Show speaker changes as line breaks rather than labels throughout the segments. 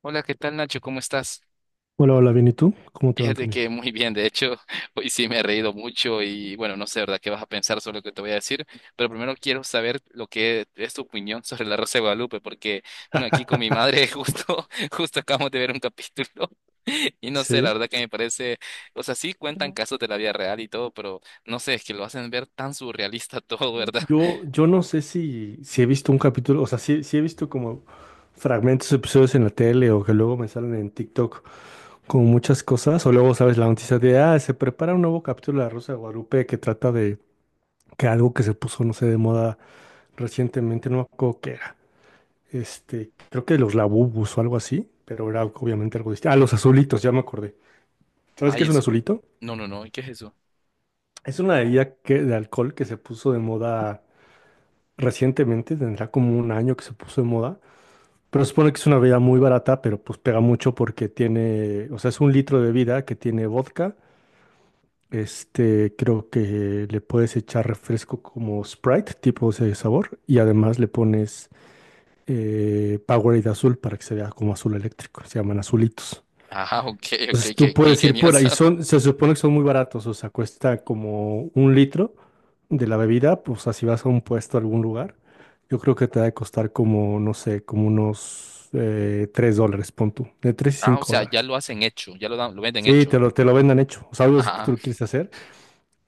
Hola, ¿qué tal Nacho? ¿Cómo estás?
Hola, hola, bien, ¿y tú? ¿Cómo te va,
Fíjate
Antonio?
que muy bien, de hecho, hoy sí me he reído mucho y bueno, no sé, ¿verdad? ¿Qué vas a pensar sobre lo que te voy a decir? Pero primero quiero saber lo que es tu opinión sobre la Rosa de Guadalupe, porque bueno, aquí con mi madre justo acabamos de ver un capítulo y no sé, la
Sí.
verdad que me parece, o sea, sí cuentan
No.
casos de la vida real y todo, pero no sé, es que lo hacen ver tan surrealista todo, ¿verdad?
Yo no sé si he visto un capítulo, o sea, sí he visto como fragmentos, episodios en la tele o que luego me salen en TikTok como muchas cosas, o luego sabes la noticia de, ah, se prepara un nuevo capítulo de La Rosa de Guadalupe que trata de que algo que se puso, no sé, de moda recientemente, no me acuerdo qué era, este, creo que los labubus o algo así, pero era obviamente algo distinto. Ah, los azulitos, ya me acordé. ¿Sabes
Ay,
qué es un
eso.
azulito?
No, no, no, ¿qué es eso?
Es una bebida que, de alcohol que se puso de moda recientemente, tendrá como un año que se puso de moda, pero se supone que es una bebida muy barata, pero pues pega mucho porque tiene, o sea, es un litro de bebida que tiene vodka, este, creo que le puedes echar refresco como Sprite, tipo ese sabor, y además le pones Powerade azul para que se vea como azul eléctrico, se llaman azulitos.
Ah, ok, ok,
Entonces tú
qué
puedes ir por ahí,
ingeniosa.
son, se supone que son muy baratos, o sea, cuesta como un litro de la bebida, pues así vas a un puesto a algún lugar, yo creo que te va a costar como, no sé, como unos $3, pon tú, de 3 y
Ah, o
5
sea, ya
dólares.
lo hacen hecho, ya lo dan, lo venden
Sí,
hecho.
te lo vendan hecho, o sea, algo si tú te
Ajá.
lo quieres hacer,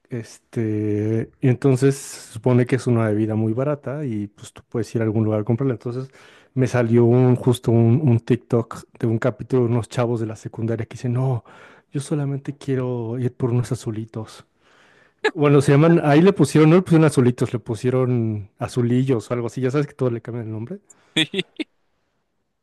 este, y entonces se supone que es una bebida muy barata y pues tú puedes ir a algún lugar a comprarla. Entonces me salió justo un TikTok de un capítulo de unos chavos de la secundaria que dicen, no, yo solamente quiero ir por unos azulitos. Bueno, se llaman, ahí le pusieron, no le pusieron azulitos, le pusieron azulillos o algo así, ya sabes que todo le cambia el nombre.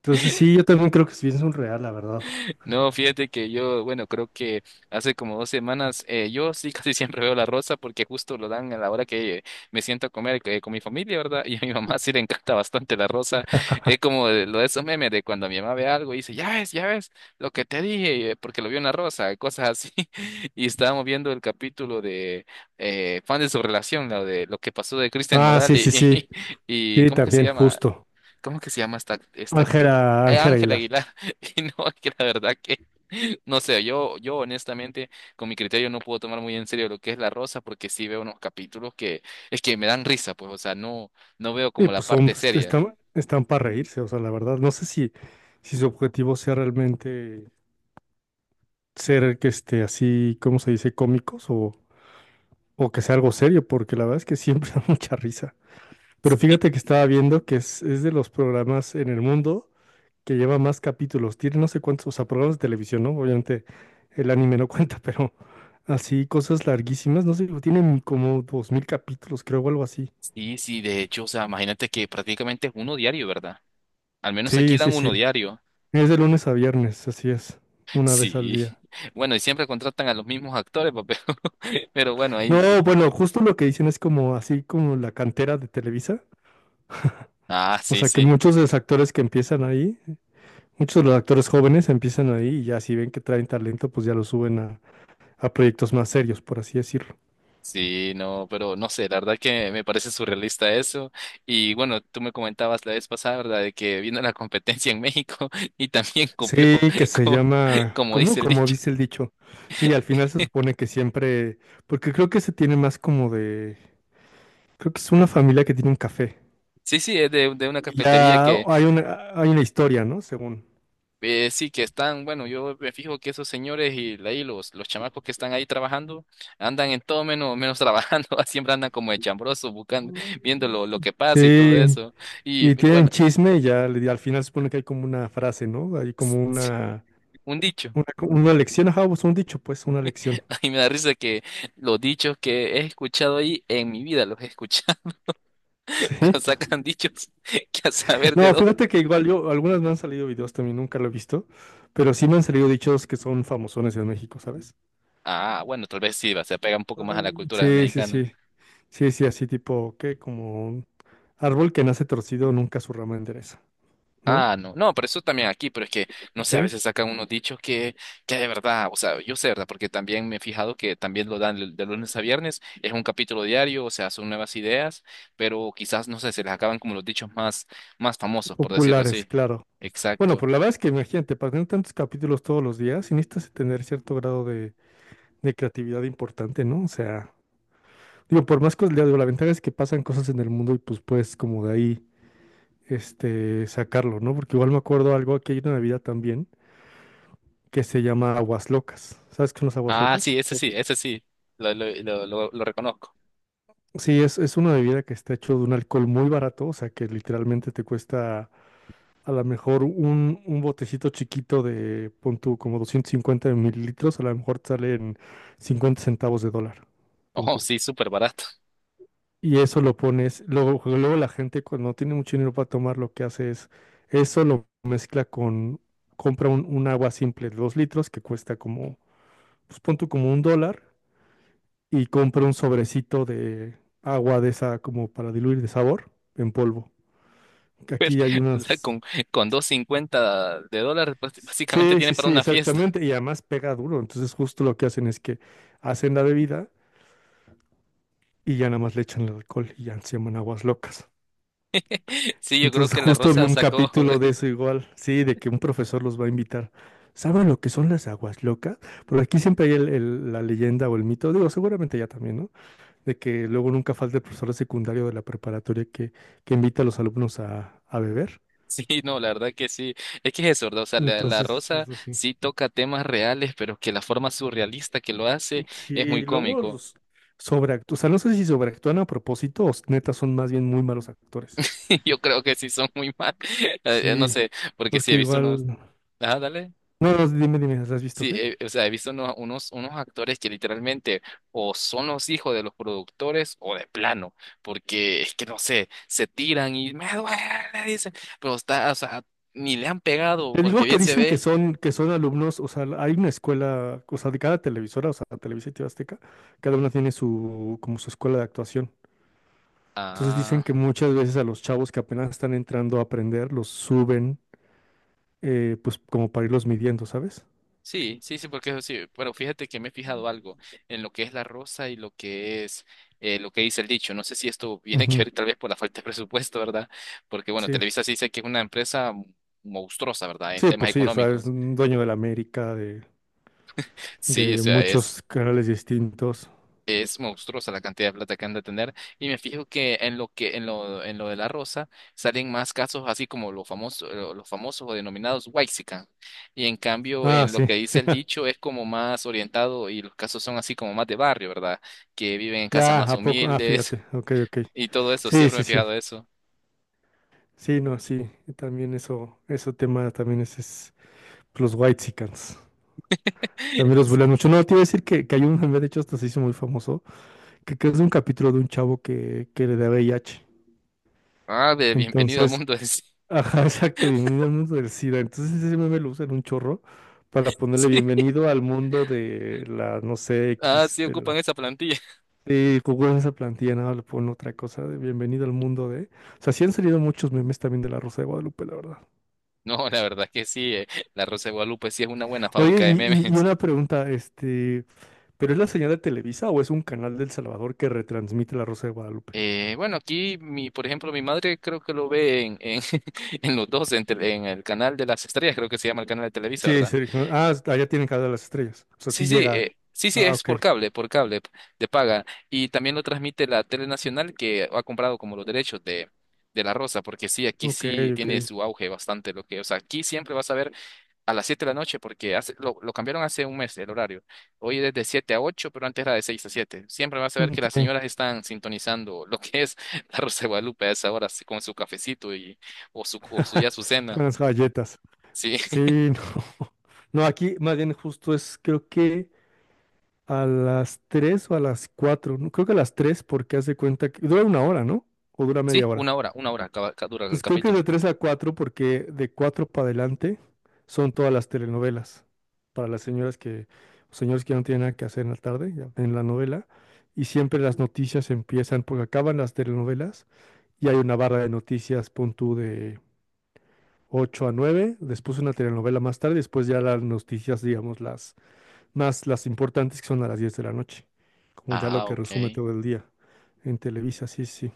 Entonces sí, yo también creo que sí es un real la verdad.
No, fíjate que yo, bueno, creo que hace como 2 semanas, yo sí casi siempre veo la rosa porque justo lo dan a la hora que me siento a comer con mi familia, ¿verdad? Y a mi mamá sí le encanta bastante la rosa. Es como lo de esos memes de cuando mi mamá ve algo y dice, ya ves, lo que te dije, porque lo vio en la rosa, y cosas así. Y estábamos viendo el capítulo de Fan de su relación, lo de lo que pasó de Christian
Ah,
Nodal
sí,
y,
sí, sí, sí,
¿cómo es que se
también,
llama?
justo.
¿Cómo que se llama esta, no,
Ángela, Ángela
Ángela
Aguilar.
Aguilar? Y no, que la verdad que, no sé, yo honestamente, con mi criterio no puedo tomar muy en serio lo que es La Rosa, porque sí veo unos capítulos que, es que me dan risa, pues, o sea, no, no veo
Sí,
como la
pues son,
parte
pues,
seria.
están, están para reírse, o sea, la verdad, no sé si, si su objetivo sea realmente ser que esté así, ¿cómo se dice? ¿Cómicos o que sea algo serio? Porque la verdad es que siempre da mucha risa. Pero fíjate que estaba viendo que es de los programas en el mundo que lleva más capítulos, tiene no sé cuántos, o sea, programas de televisión, ¿no? Obviamente el anime no cuenta, pero así cosas larguísimas, no sé, tienen como 2000 capítulos, creo, o algo así.
Sí, sí, de hecho, o sea, imagínate que prácticamente es uno diario, ¿verdad? Al menos aquí
Sí, sí,
dan
sí.
uno diario.
Es de lunes a viernes, así es, una vez al
Sí.
día.
Bueno, y siempre contratan a los mismos actores, pa, pero bueno, ahí.
No, bueno, justo lo que dicen es como así como la cantera de Televisa.
Ah,
O
sí,
sea que
sí.
muchos de los actores que empiezan ahí, muchos de los actores jóvenes empiezan ahí y ya si ven que traen talento, pues ya lo suben a proyectos más serios, por así decirlo.
Sí, no, pero no sé, la verdad que me parece surrealista eso. Y bueno, tú me comentabas la vez pasada, ¿verdad? De que vino la competencia en México y también copió,
Sí, que se
como,
llama,
como
¿cómo?
dice el
Como
dicho.
dice el dicho. Sí, al final se supone que siempre, porque creo que se tiene más como de, creo que es una familia que tiene un café.
Sí, sí, es de una
Y
cafetería
ya
que
hay una historia, ¿no? Según.
sí que están, bueno, yo me fijo que esos señores y ahí los chamacos que están ahí trabajando andan en todo menos trabajando, siempre andan como de chambrosos buscando, viendo lo que pasa y todo
Sí.
eso. Y
Y tienen
bueno,
chisme y ya le- al final supone que hay como una frase, ¿no? Hay como una,
un dicho.
una, una lección, ajá, pues un dicho, pues una lección.
Y me da risa que los dichos que he escuchado ahí en mi vida los he escuchado,
Sí.
pero sacan dichos que a saber de
No,
dos.
fíjate que igual yo, algunas me han salido videos también, nunca lo he visto, pero sí me han salido dichos que son famosones en México, ¿sabes?
Ah, bueno, tal vez sí, va, se apega un poco
Ah,
más a la cultura
sí, sí,
mexicana.
sí. Sí, sí, así tipo, que como un árbol que nace torcido nunca su rama endereza, ¿no?
Ah, no, no, pero eso también aquí, pero es que, no sé, a
Sí.
veces sacan unos dichos que de verdad, o sea, yo sé, ¿verdad? Porque también me he fijado que también lo dan de lunes a viernes, es un capítulo diario, o sea, son nuevas ideas, pero quizás, no sé, se les acaban como los dichos más famosos, por decirlo
Populares,
así.
claro. Bueno,
Exacto.
pues la verdad es que imagínate, para tener tantos capítulos todos los días, sí necesitas tener cierto grado de creatividad importante, ¿no? O sea, digo, por más cosas, digo, la ventaja es que pasan cosas en el mundo y pues puedes como de ahí, este, sacarlo, ¿no? Porque igual me acuerdo algo, aquí hay una bebida también que se llama aguas locas. ¿Sabes qué son las aguas
Ah,
locas?
sí, ese
O
sí, ese sí, lo reconozco.
sí, es una bebida que está hecho de un alcohol muy barato, o sea, que literalmente te cuesta a lo mejor un botecito chiquito de, pon tú, como 250 mililitros, a lo mejor te salen 50 centavos de dólar, pon
Oh,
tú.
sí, súper barato.
Y eso lo pones. Luego, luego la gente cuando no tiene mucho dinero para tomar, lo que hace es eso lo mezcla con, compra un agua simple de 2 litros que cuesta como, pues pon tú como un dólar y compra un sobrecito de agua de esa como para diluir de sabor en polvo. Que
Pues,
aquí hay
o sea,
unas.
con dos cincuenta de dólares, pues, básicamente
Sí,
tienen
sí,
para
sí,
una fiesta.
exactamente. Y además pega duro. Entonces justo lo que hacen es que hacen la bebida y ya nada más le echan el alcohol y ya se llaman aguas locas.
Sí, yo creo
Entonces
que la
justo vi
Rosa
un
sacó.
capítulo de eso igual, sí, de que un profesor los va a invitar. ¿Saben lo que son las aguas locas? Por aquí siempre hay el- la leyenda o el mito, digo, seguramente ya también, ¿no? De que luego nunca falta el profesor de secundario de la preparatoria que invita a los alumnos a beber.
Sí, no, la verdad que sí. Es que es eso, ¿verdad? O sea, la
Entonces,
Rosa
pues, así.
sí toca temas reales, pero que la forma surrealista que lo hace es
Sí,
muy
luego
cómico.
los sobreactúan, o sea, no sé si sobreactúan a propósito o s- neta son más bien muy malos actores.
Yo creo que sí son muy mal. No
Sí,
sé, porque sí
porque
he visto unos.
igual.
Ah, dale.
No, no, dime, dime, ¿las has visto
Sí,
qué?
o sea, he visto unos actores que literalmente o son los hijos de los productores o de plano, porque es que no sé, se tiran y me duele, dicen, pero está, o sea, ni le han pegado
Te
porque
digo que
bien se
dicen
ve.
que son alumnos, o sea, hay una escuela, o sea, de cada televisora, o sea, Televisa y TV Azteca, cada una tiene su, como su escuela de actuación. Entonces dicen
Ah,
que muchas veces a los chavos que apenas están entrando a aprender, los suben, pues como para irlos midiendo, ¿sabes?
sí, sí, sí, porque eso sí, pero fíjate que me he fijado algo en lo que es la rosa y lo que es lo que dice el dicho. No sé si esto viene que
Ujú.
ver tal vez por la falta de presupuesto, ¿verdad? Porque bueno,
Sí,
Televisa sí dice que es una empresa monstruosa, ¿verdad? En
sí,
temas
pues sí, o sea, es
económicos.
un dueño de la América,
Sí, o
de
sea, es
muchos canales distintos.
Es monstruosa la cantidad de plata que han de tener. Y me fijo que en lo que, en lo de la rosa, salen más casos así como los famosos, los famosos o denominados Waxican. Y en cambio,
Ah,
en lo
sí,
que dice el dicho, es como más orientado, y los casos son así como más de barrio, ¿verdad? Que viven en casas
ya,
más
¿a poco? Ah,
humildes
fíjate, ok, ok.
y todo eso.
Sí,
Siempre me
sí,
he
sí,
fijado eso.
sí, no, sí, también eso, ese tema también es Los Whitexicans. También los bulean mucho. No, te iba a decir que hay un meme, de hecho, hasta se hizo muy famoso, que es de un capítulo de un chavo que le da VIH.
Ah, bienvenido al
Entonces,
mundo del
ajá, exacto, bienvenido al mundo del SIDA. Entonces ese meme lo usan un chorro para ponerle
Sí.
bienvenido al mundo de la, no sé,
Ah,
X,
sí
de
ocupan
la.
esa plantilla.
Sí, Google en esa plantilla, nada, le ponen otra cosa de bienvenido al mundo de. O sea, sí han salido muchos memes también de la Rosa de Guadalupe, la verdad.
No, la verdad que sí, La Rosa de Guadalupe sí es una buena
Oye,
fábrica de
y
memes.
una pregunta, este, ¿pero es la señal de Televisa o es un canal del Salvador que retransmite La Rosa de Guadalupe?
Bueno, aquí, por ejemplo, mi madre creo que lo ve en, en los dos, en el canal de las estrellas, creo que se llama el canal de Televisa,
Sí,
¿verdad?
sí. ¿No? Ah, allá tienen cada de las estrellas. O sea,
Sí,
sí
sí,
llega.
sí, sí,
Ah,
es
ok,
por cable de paga. Y también lo transmite la Tele Nacional que ha comprado como los derechos de La Rosa, porque sí, aquí
ok,
sí tiene
ok.
su auge bastante lo que, o sea, aquí siempre vas a ver a las 7 de la noche, porque hace, lo cambiaron hace un mes el horario. Hoy es de 7 a 8 pero antes era de 6 a siete. Siempre vas a ver que las
Ok.
señoras están sintonizando lo que es la Rosa de Guadalupe a esa hora, así, con su cafecito y, o, su, o su, ya su
Con
cena.
las galletas.
Sí,
Sí, no. No, aquí más bien justo es, creo que a las 3 o a las 4. ¿No? Creo que a las 3, porque hace cuenta que dura una hora, ¿no? O dura
sí,
media hora.
una hora acá dura el
Pues creo que es
capítulo.
de 3 a 4 porque de 4 para adelante son todas las telenovelas. Para las señoras que, señores que no tienen nada que hacer en la tarde, ya ven la novela. Y siempre las noticias empiezan, porque acaban las telenovelas y hay una barra de noticias, pon tú, de 8 a nueve, después una telenovela más tarde, después ya las noticias, digamos, las más las importantes que son a las 10 de la noche. Como ya lo
Ah,
que resume
ok.
todo el día en Televisa, sí, sí.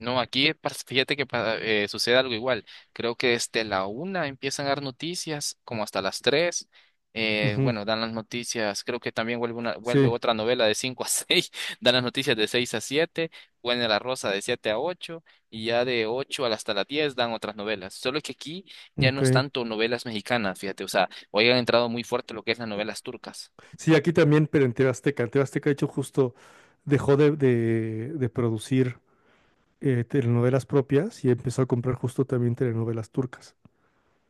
No, aquí fíjate que sucede algo igual. Creo que desde la una empiezan a dar noticias, como hasta las tres. Eh,
Ujú,
bueno, dan las noticias. Creo que también vuelve
sí,
otra novela de cinco a seis. Dan las noticias de seis a siete. Vuelve La Rosa de siete a ocho. Y ya de ocho hasta las diez dan otras novelas. Solo que aquí ya no es
ok.
tanto novelas mexicanas, fíjate. O sea, hoy han entrado muy fuerte lo que es las novelas turcas.
Sí, aquí también, pero en TV Azteca. En TV Azteca, de hecho, justo dejó de, de producir telenovelas propias y empezó a comprar justo también telenovelas turcas.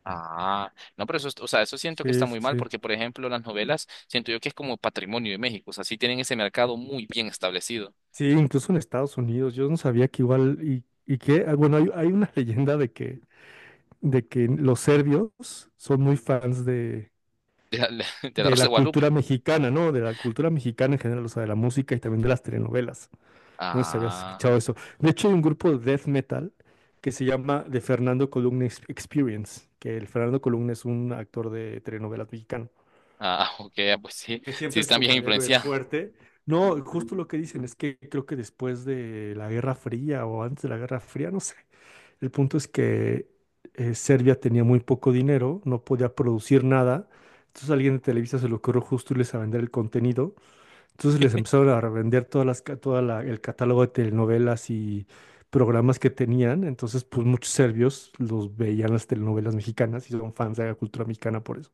Ah, no, pero eso, o sea, eso siento que está
Sí, sí,
muy mal
sí.
porque, por ejemplo, las novelas, siento yo que es como patrimonio de México, o sea, sí tienen ese mercado muy bien establecido
Sí, incluso en Estados Unidos. Yo no sabía que igual, y que, ah, bueno, hay una leyenda de que los serbios son muy fans
de la, de la
de
Rosa de
la
Guadalupe.
cultura mexicana, ¿no? De la cultura mexicana en general, o sea, de la música y también de las telenovelas. No sé si habías
Ah,
escuchado eso. De hecho, hay un grupo de death metal que se llama The Fernando Columna Experience, que el Fernando Columna es un actor de telenovelas mexicano,
ah, ok, ah, pues sí,
que
sí
siempre es
están bien
como el héroe
influenciados.
fuerte. No, justo lo que dicen es que creo que después de la Guerra Fría o antes de la Guerra Fría, no sé. El punto es que Serbia tenía muy poco dinero, no podía producir nada. Entonces a alguien de Televisa se le ocurrió justo irles a vender el contenido, entonces les empezaron a revender todas las, el catálogo de telenovelas y programas que tenían. Entonces, pues muchos serbios los veían las telenovelas mexicanas y son fans de la cultura mexicana por eso.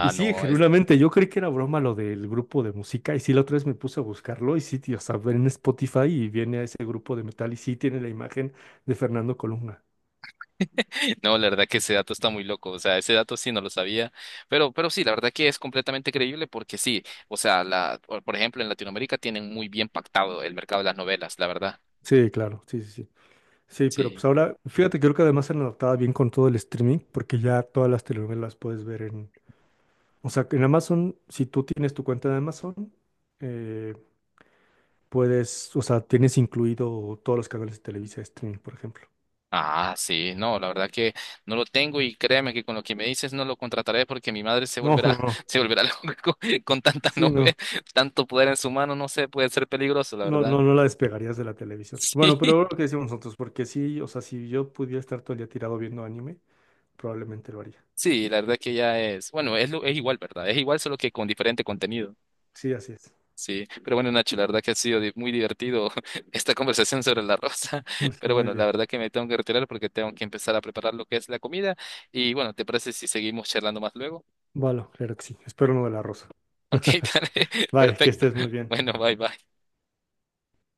Y sí,
no, es,
genuinamente, yo creí que era broma lo del grupo de música. Y sí, la otra vez me puse a buscarlo y sí, tío, o sea, ven en Spotify y viene a ese grupo de metal y sí tiene la imagen de Fernando Colunga.
no, la verdad que ese dato está muy loco, o sea, ese dato sí no lo sabía, pero, sí, la verdad que es completamente creíble porque sí, o sea, la, por ejemplo, en Latinoamérica tienen muy bien pactado el mercado de las novelas, la verdad.
Sí, claro, sí, sí, sí. Sí, pero
Sí.
pues ahora, fíjate, creo que además se han adaptado bien con todo el streaming, porque ya todas las telenovelas puedes ver en. O sea, que en Amazon, si tú tienes tu cuenta de Amazon, eh, puedes, o sea, tienes incluido todos los canales de Televisa Streaming, por ejemplo.
Ah, sí, no, la verdad que no lo tengo y créeme que con lo que me dices no lo contrataré porque mi madre
No, no, no.
se volverá loca con tanta
Sí,
novela,
no.
tanto poder en su mano, no sé, puede ser peligroso, la
No,
verdad.
no, no la despegarías de la televisión.
Sí,
Bueno, pero lo que decimos nosotros, porque sí, o sea, si yo pudiera estar todo el día tirado viendo anime, probablemente lo haría.
sí, la verdad que ya es, bueno, es igual, ¿verdad? Es igual solo que con diferente contenido.
Sí, así es.
Sí, pero bueno, Nacho, la verdad que ha sido muy divertido esta conversación sobre la rosa, pero
Muy
bueno, la
bien.
verdad que me tengo que retirar porque tengo que empezar a preparar lo que es la comida y bueno, ¿te parece si seguimos charlando más luego?
Vale, claro que sí. Espero no de la rosa.
Ok, dale,
Bye, que
perfecto.
estés muy bien.
Bueno, bye, bye.